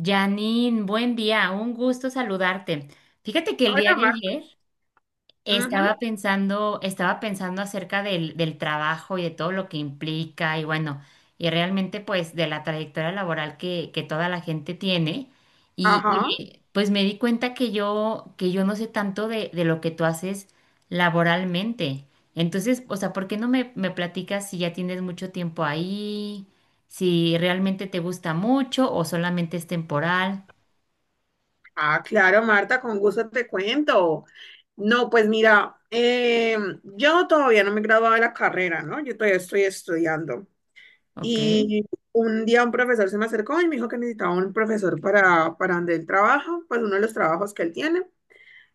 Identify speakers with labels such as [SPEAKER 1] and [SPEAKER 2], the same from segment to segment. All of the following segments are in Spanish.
[SPEAKER 1] Janine, buen día, un gusto saludarte. Fíjate que el día
[SPEAKER 2] Hola,
[SPEAKER 1] de
[SPEAKER 2] Marta.
[SPEAKER 1] ayer
[SPEAKER 2] Ujú.
[SPEAKER 1] estaba pensando acerca del trabajo y de todo lo que implica y bueno, y realmente pues de la trayectoria laboral que toda la gente tiene. Y
[SPEAKER 2] Ajá.
[SPEAKER 1] oye, pues me di cuenta que yo no sé tanto de lo que tú haces laboralmente. Entonces, o sea, ¿por qué no me platicas si ya tienes mucho tiempo ahí, si realmente te gusta mucho o solamente es temporal?
[SPEAKER 2] Ah, claro, Marta, con gusto te cuento. No, pues mira, yo todavía no me he graduado de la carrera, ¿no? Yo todavía estoy estudiando.
[SPEAKER 1] Ok,
[SPEAKER 2] Y un día un profesor se me acercó y me dijo que necesitaba un profesor para donde él trabaja, pues uno de los trabajos que él tiene.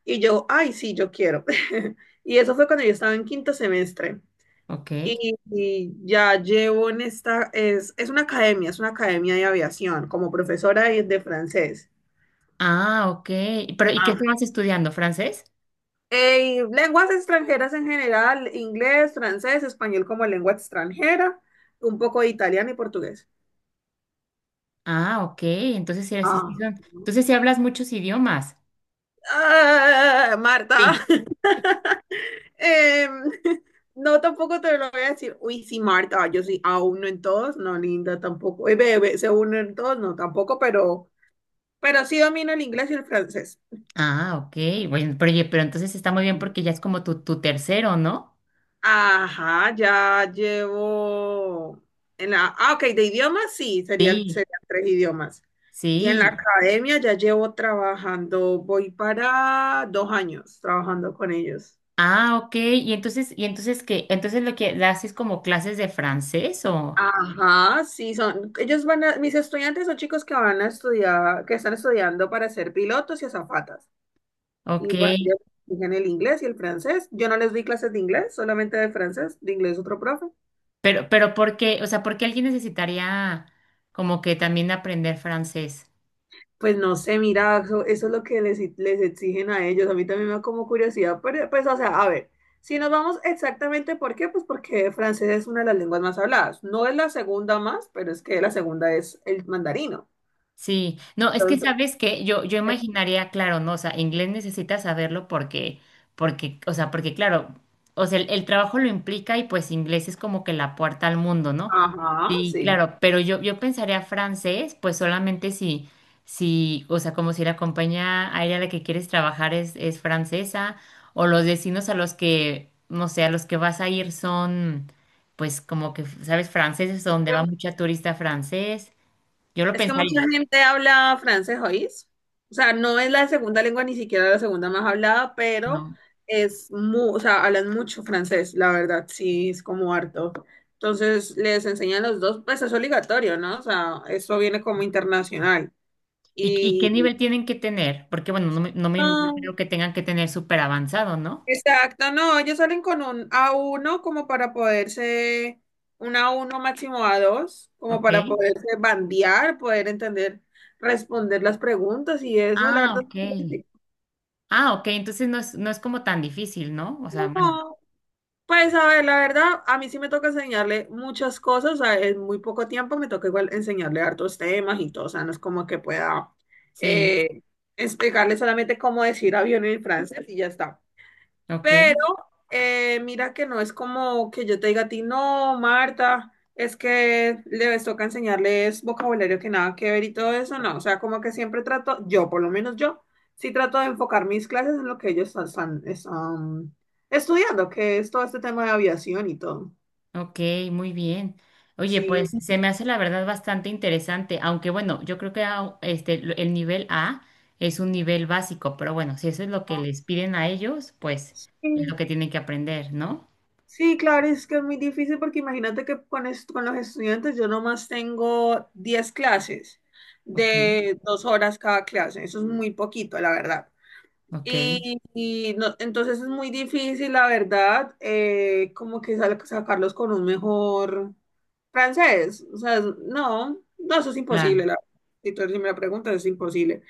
[SPEAKER 2] Y yo, ay, sí, yo quiero. Y eso fue cuando yo estaba en quinto semestre.
[SPEAKER 1] ok.
[SPEAKER 2] Y ya llevo en esta, es una academia, es una academia, de aviación, como profesora de francés.
[SPEAKER 1] Ah, ok. Pero, ¿y qué
[SPEAKER 2] Ah,
[SPEAKER 1] estabas estudiando? ¿Francés?
[SPEAKER 2] lenguas extranjeras en general, inglés, francés, español como lengua extranjera, un poco de italiano y portugués.
[SPEAKER 1] Ah, ok. Entonces sí,
[SPEAKER 2] Ah.
[SPEAKER 1] Entonces sí hablas muchos idiomas.
[SPEAKER 2] Ah,
[SPEAKER 1] Sí.
[SPEAKER 2] Marta. Em, no, tampoco te lo voy a decir. Uy, sí, Marta, yo sí, a uno en todos, no, linda, tampoco. Bebé, se uno en todos, no, tampoco, pero sí domino el inglés y el francés.
[SPEAKER 1] Ah, ok. Bueno, pero, oye, pero entonces está muy bien porque ya es como tu tercero, ¿no?
[SPEAKER 2] Ajá, ya llevo Ah, ok, de idiomas sí,
[SPEAKER 1] Sí.
[SPEAKER 2] serían tres idiomas. Y en la
[SPEAKER 1] Sí.
[SPEAKER 2] academia ya llevo trabajando, voy para 2 años trabajando con ellos.
[SPEAKER 1] Ah, ok. ¿Y entonces qué? Entonces lo que haces como clases de francés o
[SPEAKER 2] Ajá, sí, son, ellos van a, mis estudiantes son chicos que van a estudiar, que están estudiando para ser pilotos y azafatas. Y
[SPEAKER 1] ok.
[SPEAKER 2] bueno, ellos exigen el inglés y el francés. Yo no les di clases de inglés, solamente de francés, de inglés otro profe.
[SPEAKER 1] Pero ¿por qué? O sea, ¿por qué alguien necesitaría como que también aprender francés?
[SPEAKER 2] Pues no sé, mira, eso es lo que les exigen a ellos. A mí también me da como curiosidad, pero, pues, o sea, a ver, si nos vamos exactamente por qué, pues porque francés es una de las lenguas más habladas. No es la segunda más, pero es que la segunda es el mandarino.
[SPEAKER 1] Sí, no, es que
[SPEAKER 2] Entonces,
[SPEAKER 1] sabes que yo
[SPEAKER 2] eh,
[SPEAKER 1] imaginaría, claro, no, o sea, inglés necesitas saberlo porque, porque, o sea, porque claro, o sea, el trabajo lo implica y pues inglés es como que la puerta al mundo, ¿no?
[SPEAKER 2] ajá,
[SPEAKER 1] Sí,
[SPEAKER 2] sí.
[SPEAKER 1] claro, pero yo pensaría francés, pues solamente si, si, o sea, como si la compañía aérea a la que quieres trabajar es francesa, o los vecinos a los que, no sé, a los que vas a ir son, pues como que, sabes, franceses, donde va mucha turista francés, yo lo
[SPEAKER 2] Es que mucha
[SPEAKER 1] pensaría.
[SPEAKER 2] gente habla francés, ¿oís? O sea, no es la segunda lengua, ni siquiera la segunda más hablada, pero
[SPEAKER 1] No.
[SPEAKER 2] o sea, hablan mucho francés, la verdad, sí, es como harto. Entonces, les enseñan los dos, pues es obligatorio, ¿no? O sea, eso viene como internacional.
[SPEAKER 1] Y qué
[SPEAKER 2] Y,
[SPEAKER 1] nivel tienen que tener? Porque, bueno, no me no
[SPEAKER 2] ah,
[SPEAKER 1] creo que tengan que tener súper avanzado, ¿no?
[SPEAKER 2] Exacto, no, ellos salen con un a uno como para poderse, un a uno máximo a dos, como
[SPEAKER 1] Ok.
[SPEAKER 2] para poderse bandear, poder entender, responder las preguntas y eso, la
[SPEAKER 1] Ah,
[SPEAKER 2] verdad.
[SPEAKER 1] ok.
[SPEAKER 2] Es
[SPEAKER 1] Ah, ok. Entonces no es, no es como tan difícil, ¿no? O sea,
[SPEAKER 2] No,
[SPEAKER 1] bueno,
[SPEAKER 2] pues a ver, la verdad, a mí sí me toca enseñarle muchas cosas, o sea, en muy poco tiempo me toca igual enseñarle hartos temas y todo, o sea, no es como que pueda
[SPEAKER 1] sí.
[SPEAKER 2] eh, explicarle solamente cómo decir avión en francés y ya está.
[SPEAKER 1] Ok,
[SPEAKER 2] Pero mira que no es como que yo te diga a ti, no, Marta, es que les toca enseñarles vocabulario que nada que ver y todo eso, no. O sea, como que siempre trato, yo por lo menos yo, sí trato de enfocar mis clases en lo que ellos están estudiando, que es todo este tema de aviación y todo.
[SPEAKER 1] ok, muy bien. Oye,
[SPEAKER 2] Sí,
[SPEAKER 1] pues se me hace la verdad bastante interesante, aunque bueno, yo creo que este, el nivel A es un nivel básico, pero bueno, si eso es lo que
[SPEAKER 2] no.
[SPEAKER 1] les piden a ellos, pues es lo
[SPEAKER 2] Sí.
[SPEAKER 1] que tienen que aprender, ¿no?
[SPEAKER 2] Sí, claro, es que es muy difícil porque imagínate que con los estudiantes yo nomás tengo 10 clases
[SPEAKER 1] Ok,
[SPEAKER 2] de 2 horas cada clase. Eso es muy poquito, la verdad.
[SPEAKER 1] ok,
[SPEAKER 2] Entonces es muy difícil, la verdad, como que sacarlos con un mejor francés. O sea, no, no, eso es imposible,
[SPEAKER 1] claro.
[SPEAKER 2] la verdad. Si tú si me la preguntas, es imposible.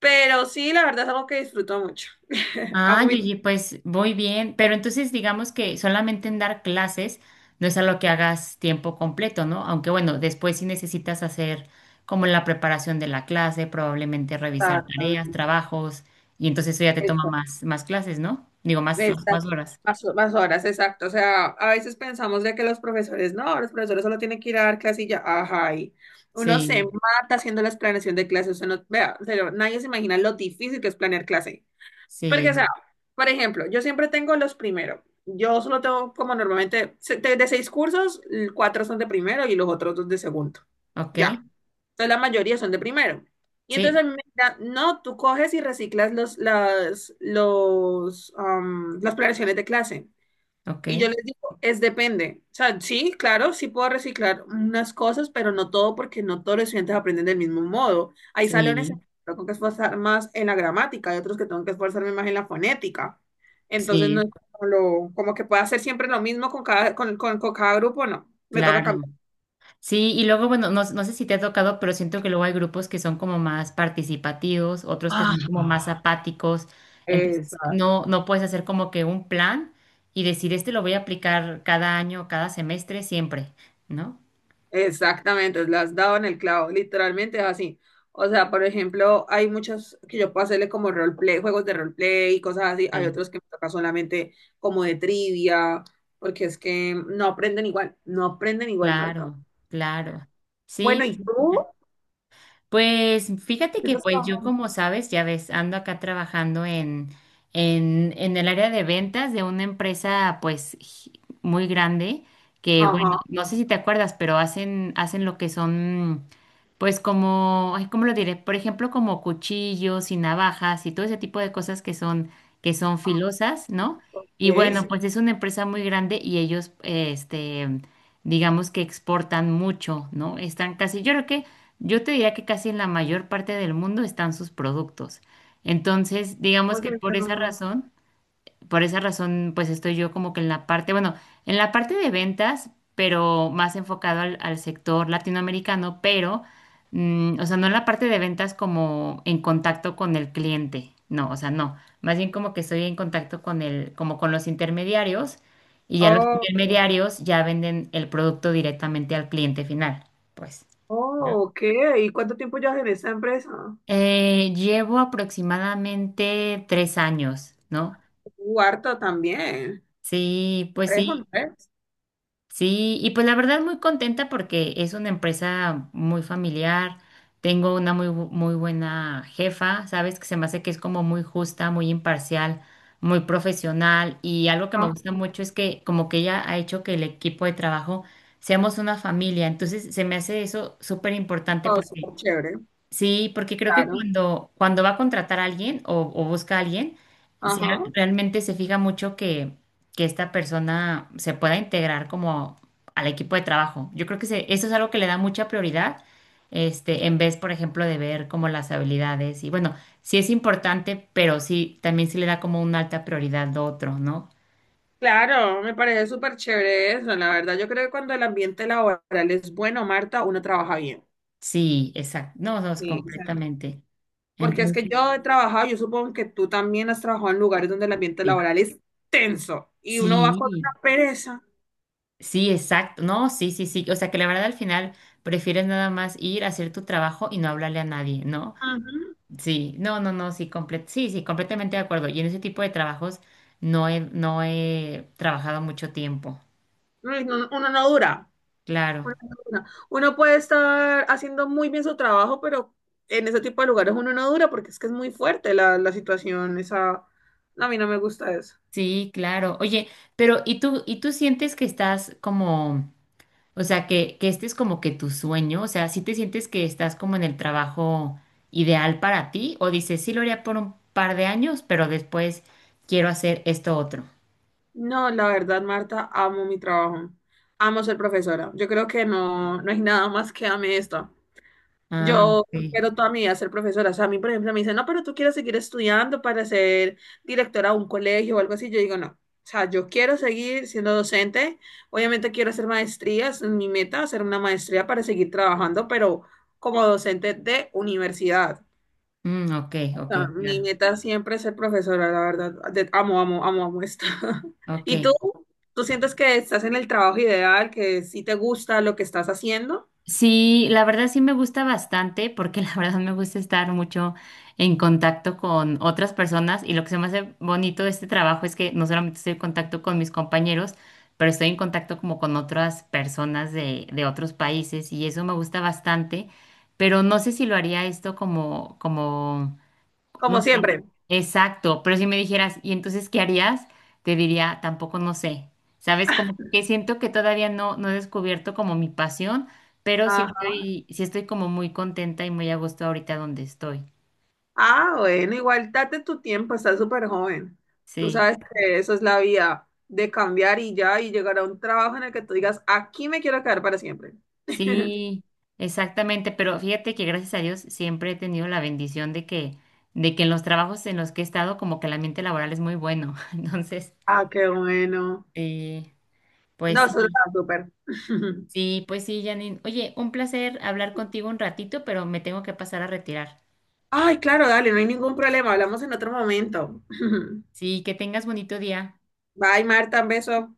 [SPEAKER 2] Pero sí, la verdad es algo que disfruto mucho.
[SPEAKER 1] Ah,
[SPEAKER 2] Amo mi
[SPEAKER 1] Yuyi, pues voy bien, pero entonces digamos que solamente en dar clases no es a lo que hagas tiempo completo, ¿no? Aunque bueno, después sí necesitas hacer como la preparación de la clase, probablemente revisar
[SPEAKER 2] trabajo.
[SPEAKER 1] tareas, trabajos, y entonces eso ya te toma más clases, ¿no? Digo, más
[SPEAKER 2] Exacto.
[SPEAKER 1] horas.
[SPEAKER 2] Más horas, exacto. O sea, a veces pensamos de que los profesores, no, los profesores solo tienen que ir a dar clase y ya, ajá. Y uno se
[SPEAKER 1] Sí,
[SPEAKER 2] mata haciendo la planeación de clases. Uno, vea, pero nadie se imagina lo difícil que es planear clase. Porque,
[SPEAKER 1] sí,
[SPEAKER 2] o sea, por ejemplo, yo siempre tengo los primero. Yo solo tengo como normalmente, de seis cursos, cuatro son de primero y los otros dos de segundo.
[SPEAKER 1] ok,
[SPEAKER 2] Ya. Entonces la mayoría son de primero. Y entonces
[SPEAKER 1] sí,
[SPEAKER 2] a mí me dirán, no, tú coges y reciclas los, las, los, am, las planeaciones de clase.
[SPEAKER 1] ok,
[SPEAKER 2] Y yo les digo, es depende. O sea, sí, claro, sí puedo reciclar unas cosas, pero no todo porque no todos los estudiantes aprenden del mismo modo. Hay salones en
[SPEAKER 1] sí,
[SPEAKER 2] los que tengo que esforzar más en la gramática, hay otros que tengo que esforzarme más en la fonética. Entonces no es
[SPEAKER 1] sí,
[SPEAKER 2] como, lo, como que pueda hacer siempre lo mismo con cada grupo, no. Me toca
[SPEAKER 1] claro.
[SPEAKER 2] cambiar.
[SPEAKER 1] Sí, y luego, bueno, no, no sé si te ha tocado, pero siento que luego hay grupos que son como más participativos, otros que son como más
[SPEAKER 2] Ah,
[SPEAKER 1] apáticos. Entonces,
[SPEAKER 2] exacto.
[SPEAKER 1] no, no puedes hacer como que un plan y decir, este lo voy a aplicar cada año, cada semestre, siempre, ¿no?
[SPEAKER 2] Exactamente, le has dado en el clavo, literalmente es así. O sea, por ejemplo, hay muchos que yo puedo hacerle como roleplay, juegos de roleplay y cosas así. Hay
[SPEAKER 1] Sí,
[SPEAKER 2] otros que me toca solamente como de trivia, porque es que no aprenden igual, no aprenden igual, Marta.
[SPEAKER 1] claro, claro.
[SPEAKER 2] Bueno,
[SPEAKER 1] Sí,
[SPEAKER 2] ¿y tú?
[SPEAKER 1] pues fíjate
[SPEAKER 2] ¿Qué
[SPEAKER 1] que
[SPEAKER 2] estás
[SPEAKER 1] pues yo
[SPEAKER 2] trabajando?
[SPEAKER 1] como sabes, ya ves, ando acá trabajando en el área de ventas de una empresa pues muy grande que bueno,
[SPEAKER 2] Ajá,
[SPEAKER 1] no sé si te acuerdas, pero hacen lo que son pues como, ay, ¿cómo lo diré? Por ejemplo, como cuchillos y navajas y todo ese tipo de cosas que son filosas, ¿no? Y
[SPEAKER 2] ok,
[SPEAKER 1] bueno, sí,
[SPEAKER 2] sí.
[SPEAKER 1] pues es una empresa muy grande y ellos, este, digamos que exportan mucho, ¿no? Están casi, yo creo que yo te diría que casi en la mayor parte del mundo están sus productos. Entonces, digamos
[SPEAKER 2] ¿Cómo
[SPEAKER 1] que
[SPEAKER 2] se llama?
[SPEAKER 1] por esa razón, pues estoy yo como que en la parte, bueno, en la parte de ventas, pero más enfocado al sector latinoamericano, pero, mm, o sea, no en la parte de ventas como en contacto con el cliente, no, o sea, no, más bien como que estoy en contacto con el, como con los intermediarios y ya los
[SPEAKER 2] Oh,
[SPEAKER 1] intermediarios ya venden el producto directamente al cliente final, pues.
[SPEAKER 2] oh, ok. ¿Y cuánto tiempo llevas en esa empresa?
[SPEAKER 1] Llevo aproximadamente tres años, ¿no?
[SPEAKER 2] Harto también.
[SPEAKER 1] Sí, pues
[SPEAKER 2] ¿Tres o no?
[SPEAKER 1] sí, sí, y pues la verdad muy contenta porque es una empresa muy familiar, tengo una muy, muy buena jefa, sabes que se me hace que es como muy justa, muy imparcial, muy profesional y algo que me
[SPEAKER 2] Ah,
[SPEAKER 1] gusta mucho es que como que ella ha hecho que el equipo de trabajo seamos una familia, entonces se me hace eso súper importante.
[SPEAKER 2] oh, súper chévere,
[SPEAKER 1] Sí, porque creo que
[SPEAKER 2] claro.
[SPEAKER 1] cuando va a contratar a alguien o busca a alguien, se-
[SPEAKER 2] Ajá.
[SPEAKER 1] realmente se fija mucho que esta persona se pueda integrar como al equipo de trabajo. Yo creo que eso es algo que le da mucha prioridad, este, en vez, por ejemplo, de ver como las habilidades. Y bueno, sí es importante, pero sí, también sí le da como una alta prioridad lo otro, ¿no?
[SPEAKER 2] Claro, me parece súper chévere eso, la verdad. Yo creo que cuando el ambiente laboral es bueno, Marta, uno trabaja bien.
[SPEAKER 1] Sí, exacto. No, no, es
[SPEAKER 2] Sí. O sea,
[SPEAKER 1] completamente.
[SPEAKER 2] porque es que
[SPEAKER 1] Entonces,
[SPEAKER 2] yo he trabajado, yo supongo que tú también has trabajado en lugares donde el ambiente
[SPEAKER 1] sí.
[SPEAKER 2] laboral es tenso y uno va con
[SPEAKER 1] Sí.
[SPEAKER 2] una pereza.
[SPEAKER 1] Sí, exacto. No, sí, sí, sí. O sea, que la verdad al final prefieres nada más ir a hacer tu trabajo y no hablarle a nadie, ¿no?
[SPEAKER 2] Ujú.
[SPEAKER 1] Sí, no, no, no, sí, sí, sí, completamente de acuerdo. Y en ese tipo de trabajos no he trabajado mucho tiempo.
[SPEAKER 2] Uy, uno, no dura.
[SPEAKER 1] Claro.
[SPEAKER 2] Uno, no dura. Uno puede estar haciendo muy bien su trabajo, pero en ese tipo de lugares uno no dura porque es que es muy fuerte la situación. Esa, a mí no me gusta eso.
[SPEAKER 1] Sí, claro. Oye, pero y tú sientes que estás como, o sea, que este es como que tu sueño? O sea, ¿sí te sientes que estás como en el trabajo ideal para ti? ¿O dices, sí lo haría por un par de años, pero después quiero hacer esto otro?
[SPEAKER 2] No, la verdad, Marta, amo mi trabajo. Amo ser profesora. Yo creo que no, no hay nada más que ame esto.
[SPEAKER 1] Ah,
[SPEAKER 2] Yo
[SPEAKER 1] ok.
[SPEAKER 2] quiero toda mi vida ser profesora. O sea, a mí, por ejemplo, me dicen, no, pero tú quieres seguir estudiando para ser directora de un colegio o algo así. Yo digo, no. O sea, yo quiero seguir siendo docente. Obviamente quiero hacer maestrías. Mi meta es hacer una maestría para seguir trabajando, pero como docente de universidad.
[SPEAKER 1] Mm, ok, ok,
[SPEAKER 2] No, mi
[SPEAKER 1] claro.
[SPEAKER 2] meta siempre es ser profesora, la verdad. Amo, amo, amo, amo esto.
[SPEAKER 1] Ok.
[SPEAKER 2] ¿Y tú? ¿Tú sientes que estás en el trabajo ideal, que sí te gusta lo que estás haciendo?
[SPEAKER 1] Sí, la verdad sí me gusta bastante porque la verdad me gusta estar mucho en contacto con otras personas y lo que se me hace bonito de este trabajo es que no solamente estoy en contacto con mis compañeros, pero estoy en contacto como con otras personas de otros países y eso me gusta bastante, pero no sé si lo haría esto como, como no
[SPEAKER 2] Como
[SPEAKER 1] sé.
[SPEAKER 2] siempre.
[SPEAKER 1] Exacto, pero si me dijeras, ¿y entonces qué harías? Te diría, tampoco no sé. ¿Sabes? Como que siento que todavía no he descubierto como mi pasión, pero
[SPEAKER 2] Ajá.
[SPEAKER 1] sí estoy como muy contenta y muy a gusto ahorita donde estoy.
[SPEAKER 2] Ah, bueno, igual date tu tiempo, estás súper joven. Tú
[SPEAKER 1] Sí,
[SPEAKER 2] sabes que eso es la vía de cambiar y ya, y llegar a un trabajo en el que tú digas, aquí me quiero quedar para siempre.
[SPEAKER 1] sí, exactamente. Pero fíjate que gracias a Dios siempre he tenido la bendición de que en los trabajos en los que he estado, como que el ambiente laboral es muy bueno. Entonces,
[SPEAKER 2] Ah, qué bueno.
[SPEAKER 1] eh, pues
[SPEAKER 2] No, eso
[SPEAKER 1] sí.
[SPEAKER 2] está súper.
[SPEAKER 1] Sí, pues sí, Janine. Oye, un placer hablar contigo un ratito, pero me tengo que pasar a retirar.
[SPEAKER 2] Ay, claro, dale, no hay ningún problema. Hablamos en otro momento.
[SPEAKER 1] Sí, que tengas bonito día.
[SPEAKER 2] Bye, Marta, un beso.